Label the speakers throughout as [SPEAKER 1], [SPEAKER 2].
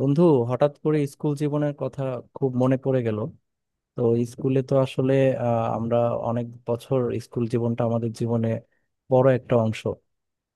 [SPEAKER 1] বন্ধু, হঠাৎ করে স্কুল জীবনের কথা খুব মনে পড়ে গেল। তো স্কুলে তো আসলে আমরা অনেক বছর স্কুল জীবনটা আমাদের জীবনে বড় একটা অংশ।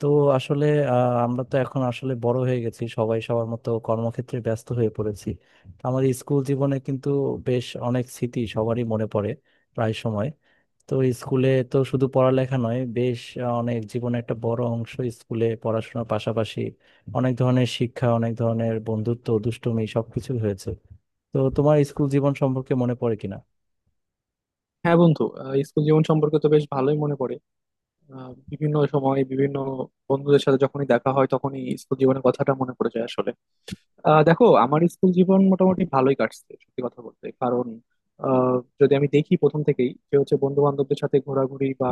[SPEAKER 1] তো আসলে আমরা তো এখন আসলে বড় হয়ে গেছি, সবাই সবার মতো কর্মক্ষেত্রে ব্যস্ত হয়ে পড়েছি। আমাদের স্কুল জীবনে কিন্তু বেশ অনেক স্মৃতি সবারই মনে পড়ে প্রায় সময়। তো স্কুলে তো শুধু পড়ালেখা নয়, বেশ অনেক জীবনে একটা বড় অংশ। স্কুলে পড়াশোনার পাশাপাশি অনেক ধরনের শিক্ষা, অনেক ধরনের বন্ধুত্ব, দুষ্টুমি সবকিছু হয়েছে। তো তোমার স্কুল জীবন সম্পর্কে মনে পড়ে কিনা?
[SPEAKER 2] হ্যাঁ বন্ধু, স্কুল জীবন সম্পর্কে তো বেশ ভালোই মনে পড়ে। বিভিন্ন সময় বিভিন্ন বন্ধুদের সাথে যখনই দেখা হয় তখনই স্কুল জীবনের কথাটা মনে পড়ে যায় আসলে। দেখো, আমার স্কুল জীবন মোটামুটি ভালোই কাটছে সত্যি কথা বলতে, কারণ আহ, যদি আমি দেখি প্রথম থেকেই, যে হচ্ছে বন্ধু বান্ধবদের সাথে ঘোরাঘুরি বা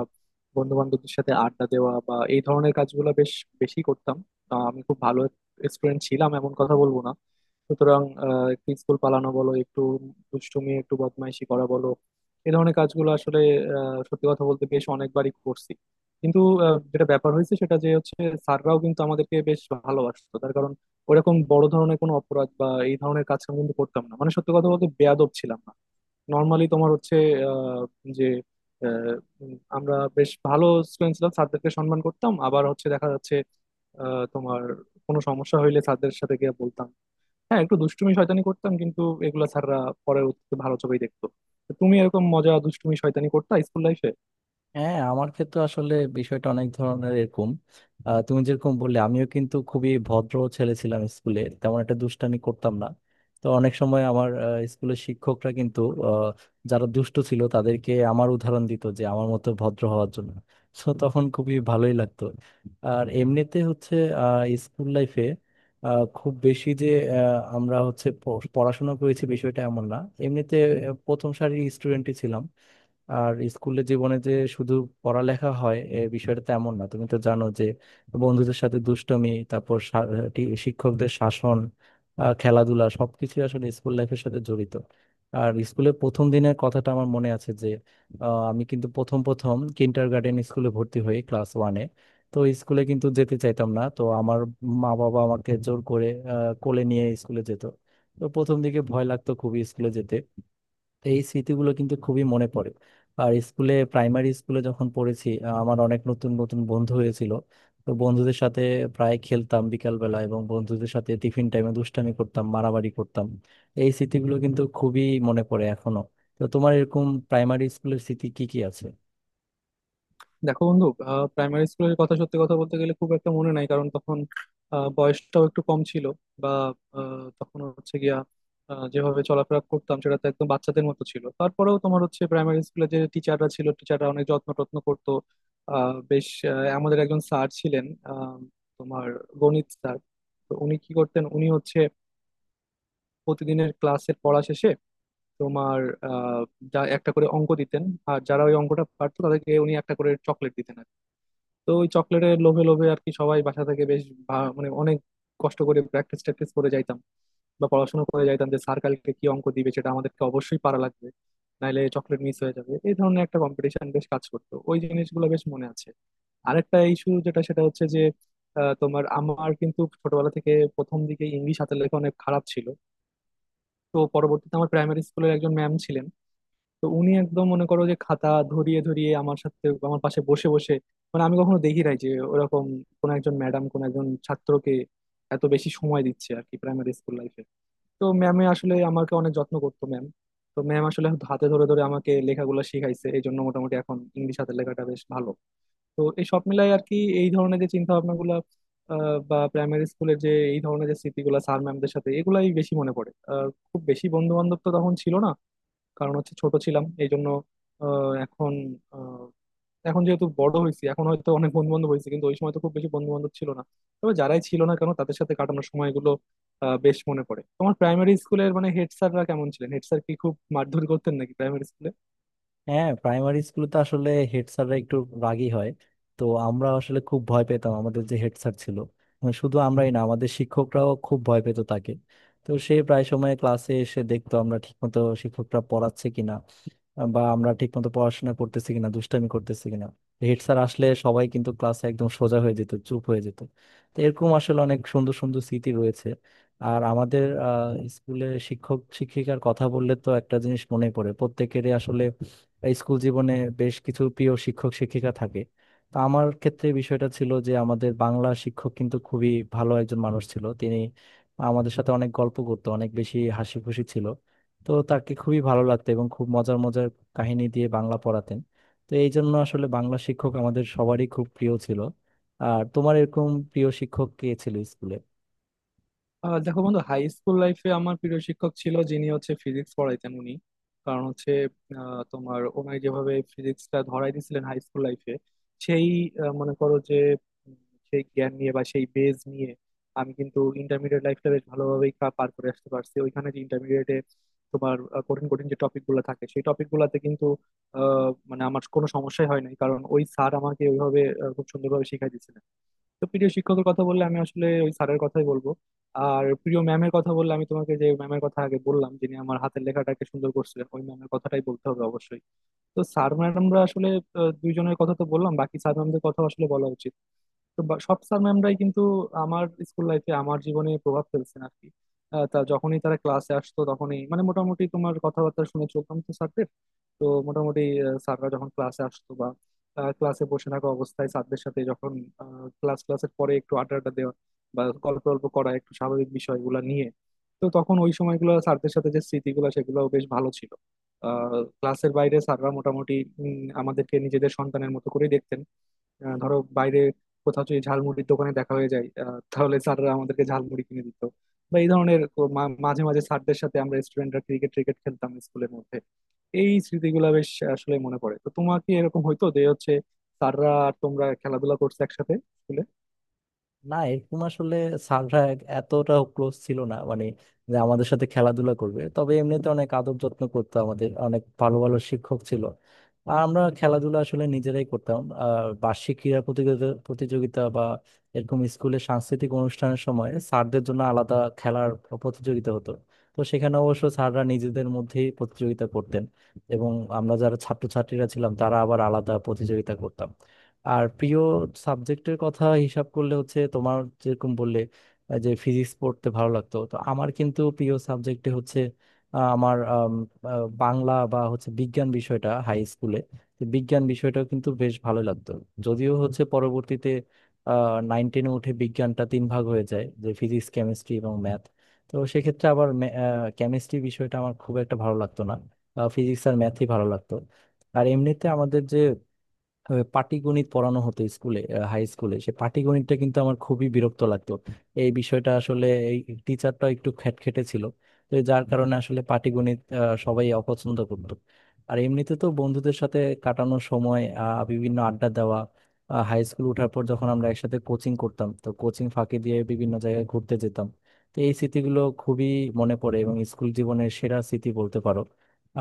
[SPEAKER 2] বন্ধু বান্ধবদের সাথে আড্ডা দেওয়া বা এই ধরনের কাজগুলো বেশ বেশি করতাম। আমি খুব ভালো স্টুডেন্ট ছিলাম এমন কথা বলবো না। সুতরাং একটু স্কুল পালানো বলো, একটু দুষ্টুমি একটু বদমাইশি করা বলো, এই ধরনের কাজগুলো আসলে সত্যি কথা বলতে বেশ অনেকবারই করছি। কিন্তু যেটা ব্যাপার হয়েছে সেটা, যে হচ্ছে স্যাররাও কিন্তু আমাদেরকে বেশ ভালোবাসতো, তার কারণ ওরকম বড় ধরনের কোনো অপরাধ বা এই ধরনের কাজ আমি কিন্তু করতাম না, মানে সত্যি কথা বলতে বেয়াদব ছিলাম না। নর্মালি তোমার হচ্ছে আহ, যে আহ, আমরা বেশ ভালো স্টুডেন্ট ছিলাম, স্যারদেরকে সম্মান করতাম। আবার হচ্ছে দেখা যাচ্ছে তোমার কোনো সমস্যা হইলে স্যারদের সাথে গিয়ে বলতাম। হ্যাঁ, একটু দুষ্টুমি শয়তানি করতাম কিন্তু এগুলা স্যাররা পরে ভালো চোখেই দেখতো। তো তুমি এরকম মজা দুষ্টুমি শয়তানি করতা স্কুল লাইফে?
[SPEAKER 1] হ্যাঁ, আমার ক্ষেত্রে আসলে বিষয়টা অনেক ধরনের এরকম। তুমি যেরকম বললে আমিও কিন্তু খুবই ভদ্র ছেলে ছিলাম, স্কুলে তেমন একটা দুষ্টামি করতাম না। তো অনেক সময় আমার স্কুলের শিক্ষকরা কিন্তু আহ, যারা দুষ্ট ছিল তাদেরকে আমার উদাহরণ দিত, যে আমার মতো ভদ্র হওয়ার জন্য। তো তখন খুবই ভালোই লাগতো। আর এমনিতে হচ্ছে স্কুল লাইফে খুব বেশি যে আমরা হচ্ছে পড়াশোনা করেছি বিষয়টা এমন না। এমনিতে প্রথম সারির স্টুডেন্টই ছিলাম। আর স্কুলের জীবনে যে শুধু পড়ালেখা হয় এ বিষয়টা তেমন না, তুমি তো জানো যে বন্ধুদের সাথে দুষ্টমি, তারপর শিক্ষকদের শাসন, খেলাধুলা সবকিছু আসলে স্কুল লাইফের সাথে জড়িত। আর স্কুলের প্রথম দিনের কথাটা আমার মনে আছে যে আমি কিন্তু প্রথম প্রথম কিন্ডার গার্ডেন স্কুলে ভর্তি হই ক্লাস ওয়ানে। তো স্কুলে কিন্তু যেতে চাইতাম না, তো আমার মা বাবা আমাকে জোর করে কোলে নিয়ে স্কুলে যেত। তো প্রথম দিকে ভয় লাগতো খুবই স্কুলে যেতে। তো এই স্মৃতিগুলো কিন্তু খুবই মনে পড়ে। আর স্কুলে প্রাইমারি স্কুলে যখন পড়েছি আমার অনেক নতুন নতুন বন্ধু হয়েছিল। তো বন্ধুদের সাথে প্রায় খেলতাম বিকাল বেলা, এবং বন্ধুদের সাথে টিফিন টাইমে দুষ্টামি করতাম, মারামারি করতাম। এই স্মৃতিগুলো কিন্তু খুবই মনে পড়ে এখনো। তো তোমার এরকম প্রাইমারি স্কুলের স্মৃতি কি কি আছে?
[SPEAKER 2] দেখো বন্ধু, প্রাইমারি স্কুলের কথা সত্যি কথা বলতে গেলে খুব একটা মনে নাই, কারণ তখন বয়সটাও একটু কম ছিল, বা তখন হচ্ছে গিয়া যেভাবে চলাফেরা করতাম সেটা তো একদম বাচ্চাদের মতো ছিল। তারপরেও তোমার হচ্ছে প্রাইমারি স্কুলে যে টিচাররা ছিল, টিচাররা অনেক যত্ন টত্ন করতো। বেশ আমাদের একজন স্যার ছিলেন, আহ, তোমার গণিত স্যার। তো উনি কি করতেন, উনি হচ্ছে প্রতিদিনের ক্লাসের পড়া শেষে তোমার আহ, যা একটা করে অঙ্ক দিতেন। আর যারা ওই অঙ্কটা পারতো তাদেরকে উনি একটা করে চকলেট দিতেন। তো ওই চকলেটের লোভে লোভে আর কি সবাই বাসা থেকে বেশ মানে অনেক কষ্ট করে প্র্যাকটিস ট্যাকটিস করে যাইতাম, বা পড়াশোনা করে যাইতাম যে স্যার কালকে কি অঙ্ক দিবে সেটা আমাদেরকে অবশ্যই পারা লাগবে, নাইলে চকলেট মিস হয়ে যাবে। এই ধরনের একটা কম্পিটিশন বেশ কাজ করতো, ওই জিনিসগুলো বেশ মনে আছে। আরেকটা ইস্যু যেটা, সেটা হচ্ছে যে তোমার আমার কিন্তু ছোটবেলা থেকে প্রথম দিকে ইংলিশ হাতের লেখা অনেক খারাপ ছিল। তো পরবর্তীতে আমার প্রাইমারি স্কুলের একজন ম্যাম ছিলেন। তো উনি একদম মনে করো যে খাতা ধরিয়ে ধরিয়ে আমার সাথে আমার পাশে বসে বসে, মানে আমি কখনো দেখি নাই যে ওরকম কোন একজন ম্যাডাম কোন একজন ছাত্রকে এত বেশি সময় দিচ্ছে আর কি প্রাইমারি স্কুল লাইফে। তো ম্যামে আসলে আমাকে অনেক যত্ন করতো ম্যাম। তো ম্যাম আসলে হাতে ধরে ধরে আমাকে লেখাগুলো শিখাইছে, এই জন্য মোটামুটি এখন ইংলিশ হাতের লেখাটা বেশ ভালো। তো এই সব মিলাই আর কি, এই ধরনের যে চিন্তা ভাবনাগুলো বা প্রাইমারি স্কুলের যে এই ধরনের যে স্মৃতিগুলো স্যার ম্যামদের সাথে এগুলাই বেশি মনে পড়ে। খুব বেশি বন্ধু বান্ধব তো তখন ছিল না, কারণ হচ্ছে ছোট ছিলাম এই জন্য। আহ, এখন আহ, এখন যেহেতু বড় হয়েছি এখন হয়তো অনেক বন্ধু বান্ধব হয়েছে কিন্তু ওই সময় তো খুব বেশি বন্ধু বান্ধব ছিল না। তবে যারাই ছিল না কেন তাদের সাথে কাটানোর সময়গুলো বেশ মনে পড়ে। তোমার প্রাইমারি স্কুলের মানে হেড স্যাররা কেমন ছিলেন? হেড স্যার কি খুব মারধর করতেন নাকি প্রাইমারি স্কুলে?
[SPEAKER 1] হ্যাঁ, প্রাইমারি স্কুলে তো আসলে হেড স্যাররা একটু রাগী হয়। তো আমরা আসলে খুব ভয় পেতাম আমাদের যে হেড স্যার ছিল। মানে শুধু আমরাই না, আমাদের শিক্ষকরাও খুব ভয় পেত তাকে। তো সে প্রায় সময় ক্লাসে এসে দেখতো আমরা ঠিকমতো শিক্ষকরা পড়াচ্ছে কিনা, বা আমরা ঠিকমতো পড়াশোনা করতেছি কিনা, দুষ্টামি করতেছি কিনা। হেড স্যার আসলে সবাই কিন্তু ক্লাসে একদম সোজা হয়ে যেত, চুপ হয়ে যেত। তো এরকম আসলে অনেক সুন্দর সুন্দর স্মৃতি রয়েছে। আর আমাদের স্কুলে শিক্ষক শিক্ষিকার কথা বললে তো একটা জিনিস মনে পড়ে, প্রত্যেকেরই আসলে স্কুল জীবনে বেশ কিছু প্রিয় শিক্ষক শিক্ষিকা থাকে। তো আমার ক্ষেত্রে বিষয়টা ছিল যে আমাদের বাংলা শিক্ষক কিন্তু খুবই ভালো একজন মানুষ ছিল, তিনি আমাদের সাথে অনেক গল্প করতো, অনেক বেশি হাসি খুশি ছিল। তো তাকে খুবই ভালো লাগতো এবং খুব মজার কাহিনী দিয়ে বাংলা পড়াতেন। তো এই জন্য আসলে বাংলা শিক্ষক আমাদের সবারই খুব প্রিয় ছিল। আর তোমার এরকম প্রিয় শিক্ষক কে ছিল স্কুলে?
[SPEAKER 2] দেখো বন্ধু, হাই স্কুল লাইফে আমার প্রিয় শিক্ষক ছিল যিনি হচ্ছে ফিজিক্স পড়াইতেন উনি। কারণ হচ্ছে তোমার ওনাই যেভাবে ফিজিক্সটা ধরাই দিয়েছিলেন হাই স্কুল লাইফে, সেই মনে করো যে উম, সেই জ্ঞান নিয়ে বা সেই বেজ নিয়ে আমি কিন্তু ইন্টারমিডিয়েট লাইফটা বেশ ভালোভাবেই পার করে আসতে পারছি ওইখানে যে ইন্টারমিডিয়েটে। তোমার কঠিন কঠিন যে টপিক গুলো থাকে সেই টপিক গুলাতে কিন্তু মানে আমার কোনো সমস্যাই হয় নাই, কারণ ওই স্যার আমাকে ওইভাবে খুব সুন্দরভাবে শিখাই দিয়েছিলেন। তো প্রিয় শিক্ষকের কথা বললে আমি আসলে ওই স্যারের কথাই বলবো। আর প্রিয় ম্যামের কথা বললে আমি তোমাকে যে ম্যামের কথা আগে বললাম যিনি আমার হাতের লেখাটাকে সুন্দর করছিলেন, ওই ম্যামের কথাটাই বলতে হবে অবশ্যই। তো স্যার ম্যামরা আসলে দুইজনের কথা তো বললাম, বাকি স্যার ম্যামদের কথা আসলে বলা উচিত। তো সব স্যার ম্যামরাই কিন্তু আমার স্কুল লাইফে আমার জীবনে প্রভাব ফেলছেন আর কি। তা যখনই তারা ক্লাসে আসতো তখনই মানে মোটামুটি তোমার কথাবার্তা শুনে চলতাম তো স্যারদের। তো মোটামুটি স্যাররা যখন ক্লাসে আসতো বা ক্লাসে বসে থাকা অবস্থায় স্যারদের সাথে যখন ক্লাসের পরে একটু আড্ডা আড্ডা দেওয়া বা গল্প গল্প করা একটু স্বাভাবিক বিষয়গুলো নিয়ে। তো তখন ওই সময়গুলো স্যারদের সাথে যে স্মৃতিগুলো সেগুলো বেশ ভালো ছিল। ক্লাসের বাইরে স্যাররা মোটামুটি আমাদেরকে নিজেদের সন্তানের মতো করে দেখতেন। ধরো বাইরে কোথাও যদি ঝালমুড়ির দোকানে দেখা হয়ে যায়, তাহলে স্যাররা আমাদেরকে ঝালমুড়ি কিনে দিত। বা এই ধরনের মাঝে মাঝে স্যারদের সাথে আমরা স্টুডেন্টরা ক্রিকেট ক্রিকেট খেলতাম স্কুলের মধ্যে। এই স্মৃতিগুলো বেশ আসলে মনে পড়ে। তো তোমার কি এরকম হইতো যে হচ্ছে স্যাররা আর তোমরা খেলাধুলা করছো একসাথে স্কুলে?
[SPEAKER 1] না, এরকম আসলে সানরা এতটা ক্লোজ ছিল না, মানে যে আমাদের সাথে খেলাধুলা করবে। তবে এমনিতে অনেক আদব যত্ন করতো, আমাদের অনেক ভালো ভালো শিক্ষক ছিল। আর আমরা খেলাধুলা আসলে নিজেরাই করতাম। আর বার্ষিক ক্রীড়া প্রতিযোগিতা প্রতিযোগিতা বা এরকম স্কুলে সাংস্কৃতিক অনুষ্ঠানের সময় স্যারদের জন্য আলাদা খেলার প্রতিযোগিতা হতো। তো সেখানে অবশ্য স্যাররা নিজেদের মধ্যেই প্রতিযোগিতা করতেন, এবং আমরা যারা ছাত্রছাত্রীরা ছিলাম তারা আবার আলাদা প্রতিযোগিতা করতাম। আর প্রিয় সাবজেক্টের কথা হিসাব করলে হচ্ছে তোমার যেরকম বললে যে ফিজিক্স পড়তে ভালো লাগতো, তো আমার কিন্তু প্রিয় সাবজেক্টে হচ্ছে আমার বাংলা বা হচ্ছে বিজ্ঞান বিষয়টা হাই স্কুলে। তো বিজ্ঞান বিষয়টাও কিন্তু বেশ ভালো লাগতো। যদিও হচ্ছে পরবর্তীতে নাইন টেনে উঠে বিজ্ঞানটা তিন ভাগ হয়ে যায়, যে ফিজিক্স, কেমিস্ট্রি এবং ম্যাথ। তো সেক্ষেত্রে আবার কেমিস্ট্রি বিষয়টা আমার খুব একটা ভালো লাগতো না, ফিজিক্স আর ম্যাথই ভালো লাগতো। আর এমনিতে আমাদের যে পাটিগণিত পড়ানো হতো স্কুলে, হাই স্কুলে সে পাটিগণিতটা কিন্তু আমার খুবই বিরক্ত লাগতো। এই বিষয়টা আসলে এই টিচারটা একটু খ্যাটখেটে ছিল, তো যার কারণে আসলে পাটিগণিত সবাই অপছন্দ করতো। আর এমনিতে তো বন্ধুদের সাথে কাটানোর সময় বিভিন্ন আড্ডা দেওয়া, হাই স্কুল ওঠার পর যখন আমরা একসাথে কোচিং করতাম, তো কোচিং ফাঁকি দিয়ে বিভিন্ন জায়গায় ঘুরতে যেতাম। তো এই স্মৃতিগুলো খুবই মনে পড়ে এবং স্কুল জীবনের সেরা স্মৃতি বলতে পারো।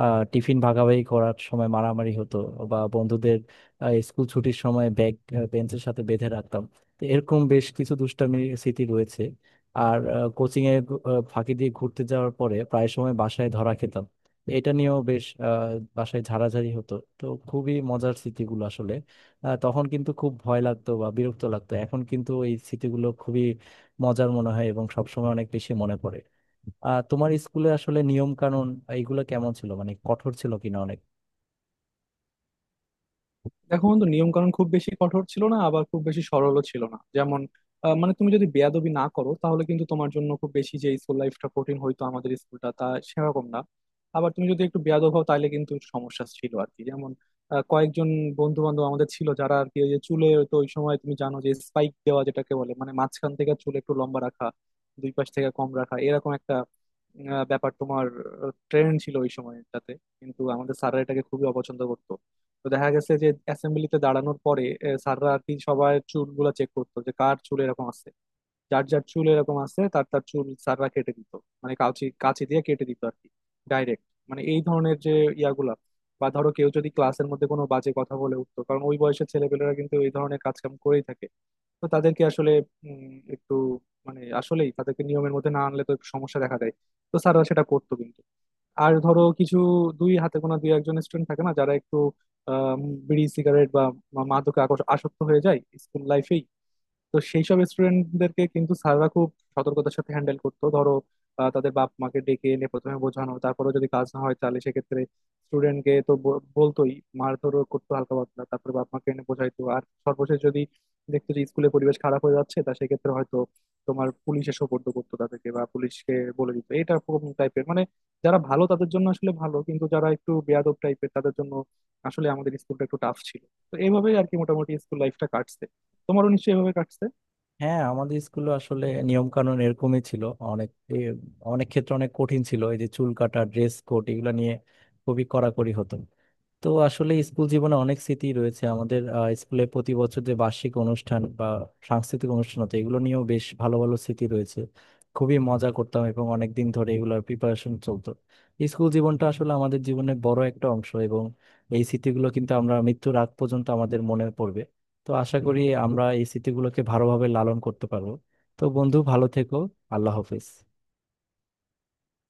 [SPEAKER 1] টিফিন ভাগাভাগি করার সময় মারামারি হতো বা বন্ধুদের স্কুল ছুটির সময় ব্যাগ বেঞ্চের সাথে বেঁধে রাখতাম। তো এরকম বেশ কিছু দুষ্টামির স্মৃতি রয়েছে। আর কোচিং এ ফাঁকি দিয়ে ঘুরতে যাওয়ার পরে প্রায় সময় বাসায় ধরা খেতাম। এটা নিয়েও বেশ বাসায় ঝাড়াঝাড়ি হতো। তো খুবই মজার স্মৃতিগুলো আসলে তখন কিন্তু খুব ভয় লাগতো বা বিরক্ত লাগতো, এখন কিন্তু এই স্মৃতিগুলো খুবই মজার মনে হয় এবং সবসময় অনেক বেশি মনে পড়ে। তোমার স্কুলে আসলে নিয়ম কানুন এইগুলো কেমন ছিল, মানে কঠোর ছিল কিনা অনেক?
[SPEAKER 2] দেখো বন্ধু, নিয়ম কানুন খুব বেশি কঠোর ছিল না আবার খুব বেশি সরলও ছিল না। যেমন মানে তুমি যদি বেয়াদবি না করো তাহলে কিন্তু তোমার জন্য খুব বেশি যে স্কুল লাইফটা কঠিন হইতো, আমাদের স্কুলটা তা সেরকম না। আবার তুমি যদি একটু বেয়াদব হও তাহলে কিন্তু সমস্যা ছিল আর কি। যেমন কয়েকজন বন্ধু বান্ধব আমাদের ছিল যারা আর কি ওই যে চুলে, তো ওই সময় তুমি জানো যে স্পাইক দেওয়া যেটাকে বলে, মানে মাঝখান থেকে চুল একটু লম্বা রাখা দুই পাশ থেকে কম রাখা এরকম একটা ব্যাপার তোমার ট্রেন্ড ছিল ওই সময়টাতে। কিন্তু আমাদের স্যাররা এটাকে খুবই অপছন্দ করতো। তো দেখা গেছে যে অ্যাসেম্বলিতে দাঁড়ানোর পরে স্যাররা আর কি সবার চুলগুলো চেক করতো যে কার চুল এরকম আছে। যার যার চুল এরকম আছে তার তার চুল স্যাররা কেটে দিত। মানে কাঁচি কাঁচি দিয়ে কেটে দিত আর কি, ডাইরেক্ট। মানে এই ধরনের যে ইয়াগুলা, বা ধরো কেউ যদি ক্লাসের মধ্যে কোনো বাজে কথা বলে উঠতো, কারণ ওই বয়সের ছেলেপেলেরা কিন্তু এই ধরনের কাজকাম করেই থাকে। তো তাদেরকে আসলে একটু মানে আসলেই তাদেরকে নিয়মের মধ্যে না আনলে তো একটু সমস্যা দেখা দেয়, তো স্যাররা সেটা করতো কিন্তু। আর ধরো কিছু দুই হাতে গোনা দুই একজন স্টুডেন্ট থাকে না যারা একটু আম, বিড়ি সিগারেট বা মাদকে আসক্ত হয়ে যায় স্কুল লাইফে। তো সেই সব স্টুডেন্টদেরকে কিন্তু স্যাররা খুব সতর্কতার সাথে হ্যান্ডেল করতো। ধরো তাদের বাপ মাকে ডেকে এনে প্রথমে বোঝানো, তারপরে যদি কাজ না হয় তাহলে সেক্ষেত্রে স্টুডেন্টকে তো বলতোই, মারধরও করতো হালকা পাতলা, তারপরে বাপ মাকে এনে বোঝাইতো। আর সর্বশেষ যদি দেখতো যে স্কুলের পরিবেশ খারাপ হয়ে যাচ্ছে, তা সেক্ষেত্রে হয়তো তোমার পুলিশে সোপর্দ করতো তাদেরকে, বা পুলিশকে বলে দিত এটা কোন টাইপের, মানে। যারা ভালো তাদের জন্য আসলে ভালো, কিন্তু যারা একটু বেয়াদব টাইপের তাদের জন্য আসলে আমাদের স্কুলটা একটু টাফ ছিল। তো এইভাবেই আর কি মোটামুটি স্কুল লাইফটা কাটছে। তোমারও নিশ্চয়ই এভাবে কাটছে।
[SPEAKER 1] হ্যাঁ, আমাদের স্কুলে আসলে নিয়ম কানুন এরকমই ছিল। অনেক এ, অনেক ক্ষেত্রে অনেক কঠিন ছিল, এই যে চুল কাটা, ড্রেস কোড এগুলো নিয়ে খুবই কড়াকড়ি হতো। তো আসলে স্কুল জীবনে অনেক স্মৃতি রয়েছে আমাদের, স্কুলে প্রতি বছর যে বার্ষিক অনুষ্ঠান বা সাংস্কৃতিক অনুষ্ঠান হতো এগুলো নিয়েও বেশ ভালো ভালো স্মৃতি রয়েছে। খুবই মজা করতাম এবং অনেক দিন ধরে এগুলোর প্রিপারেশন চলতো। স্কুল জীবনটা আসলে আমাদের জীবনের বড় একটা অংশ, এবং এই স্মৃতিগুলো কিন্তু আমরা মৃত্যুর আগ পর্যন্ত আমাদের মনে পড়বে। তো আশা করি আমরা এই স্মৃতিগুলোকে ভালোভাবে লালন করতে পারবো। তো বন্ধু, ভালো থেকো। আল্লাহ হাফেজ।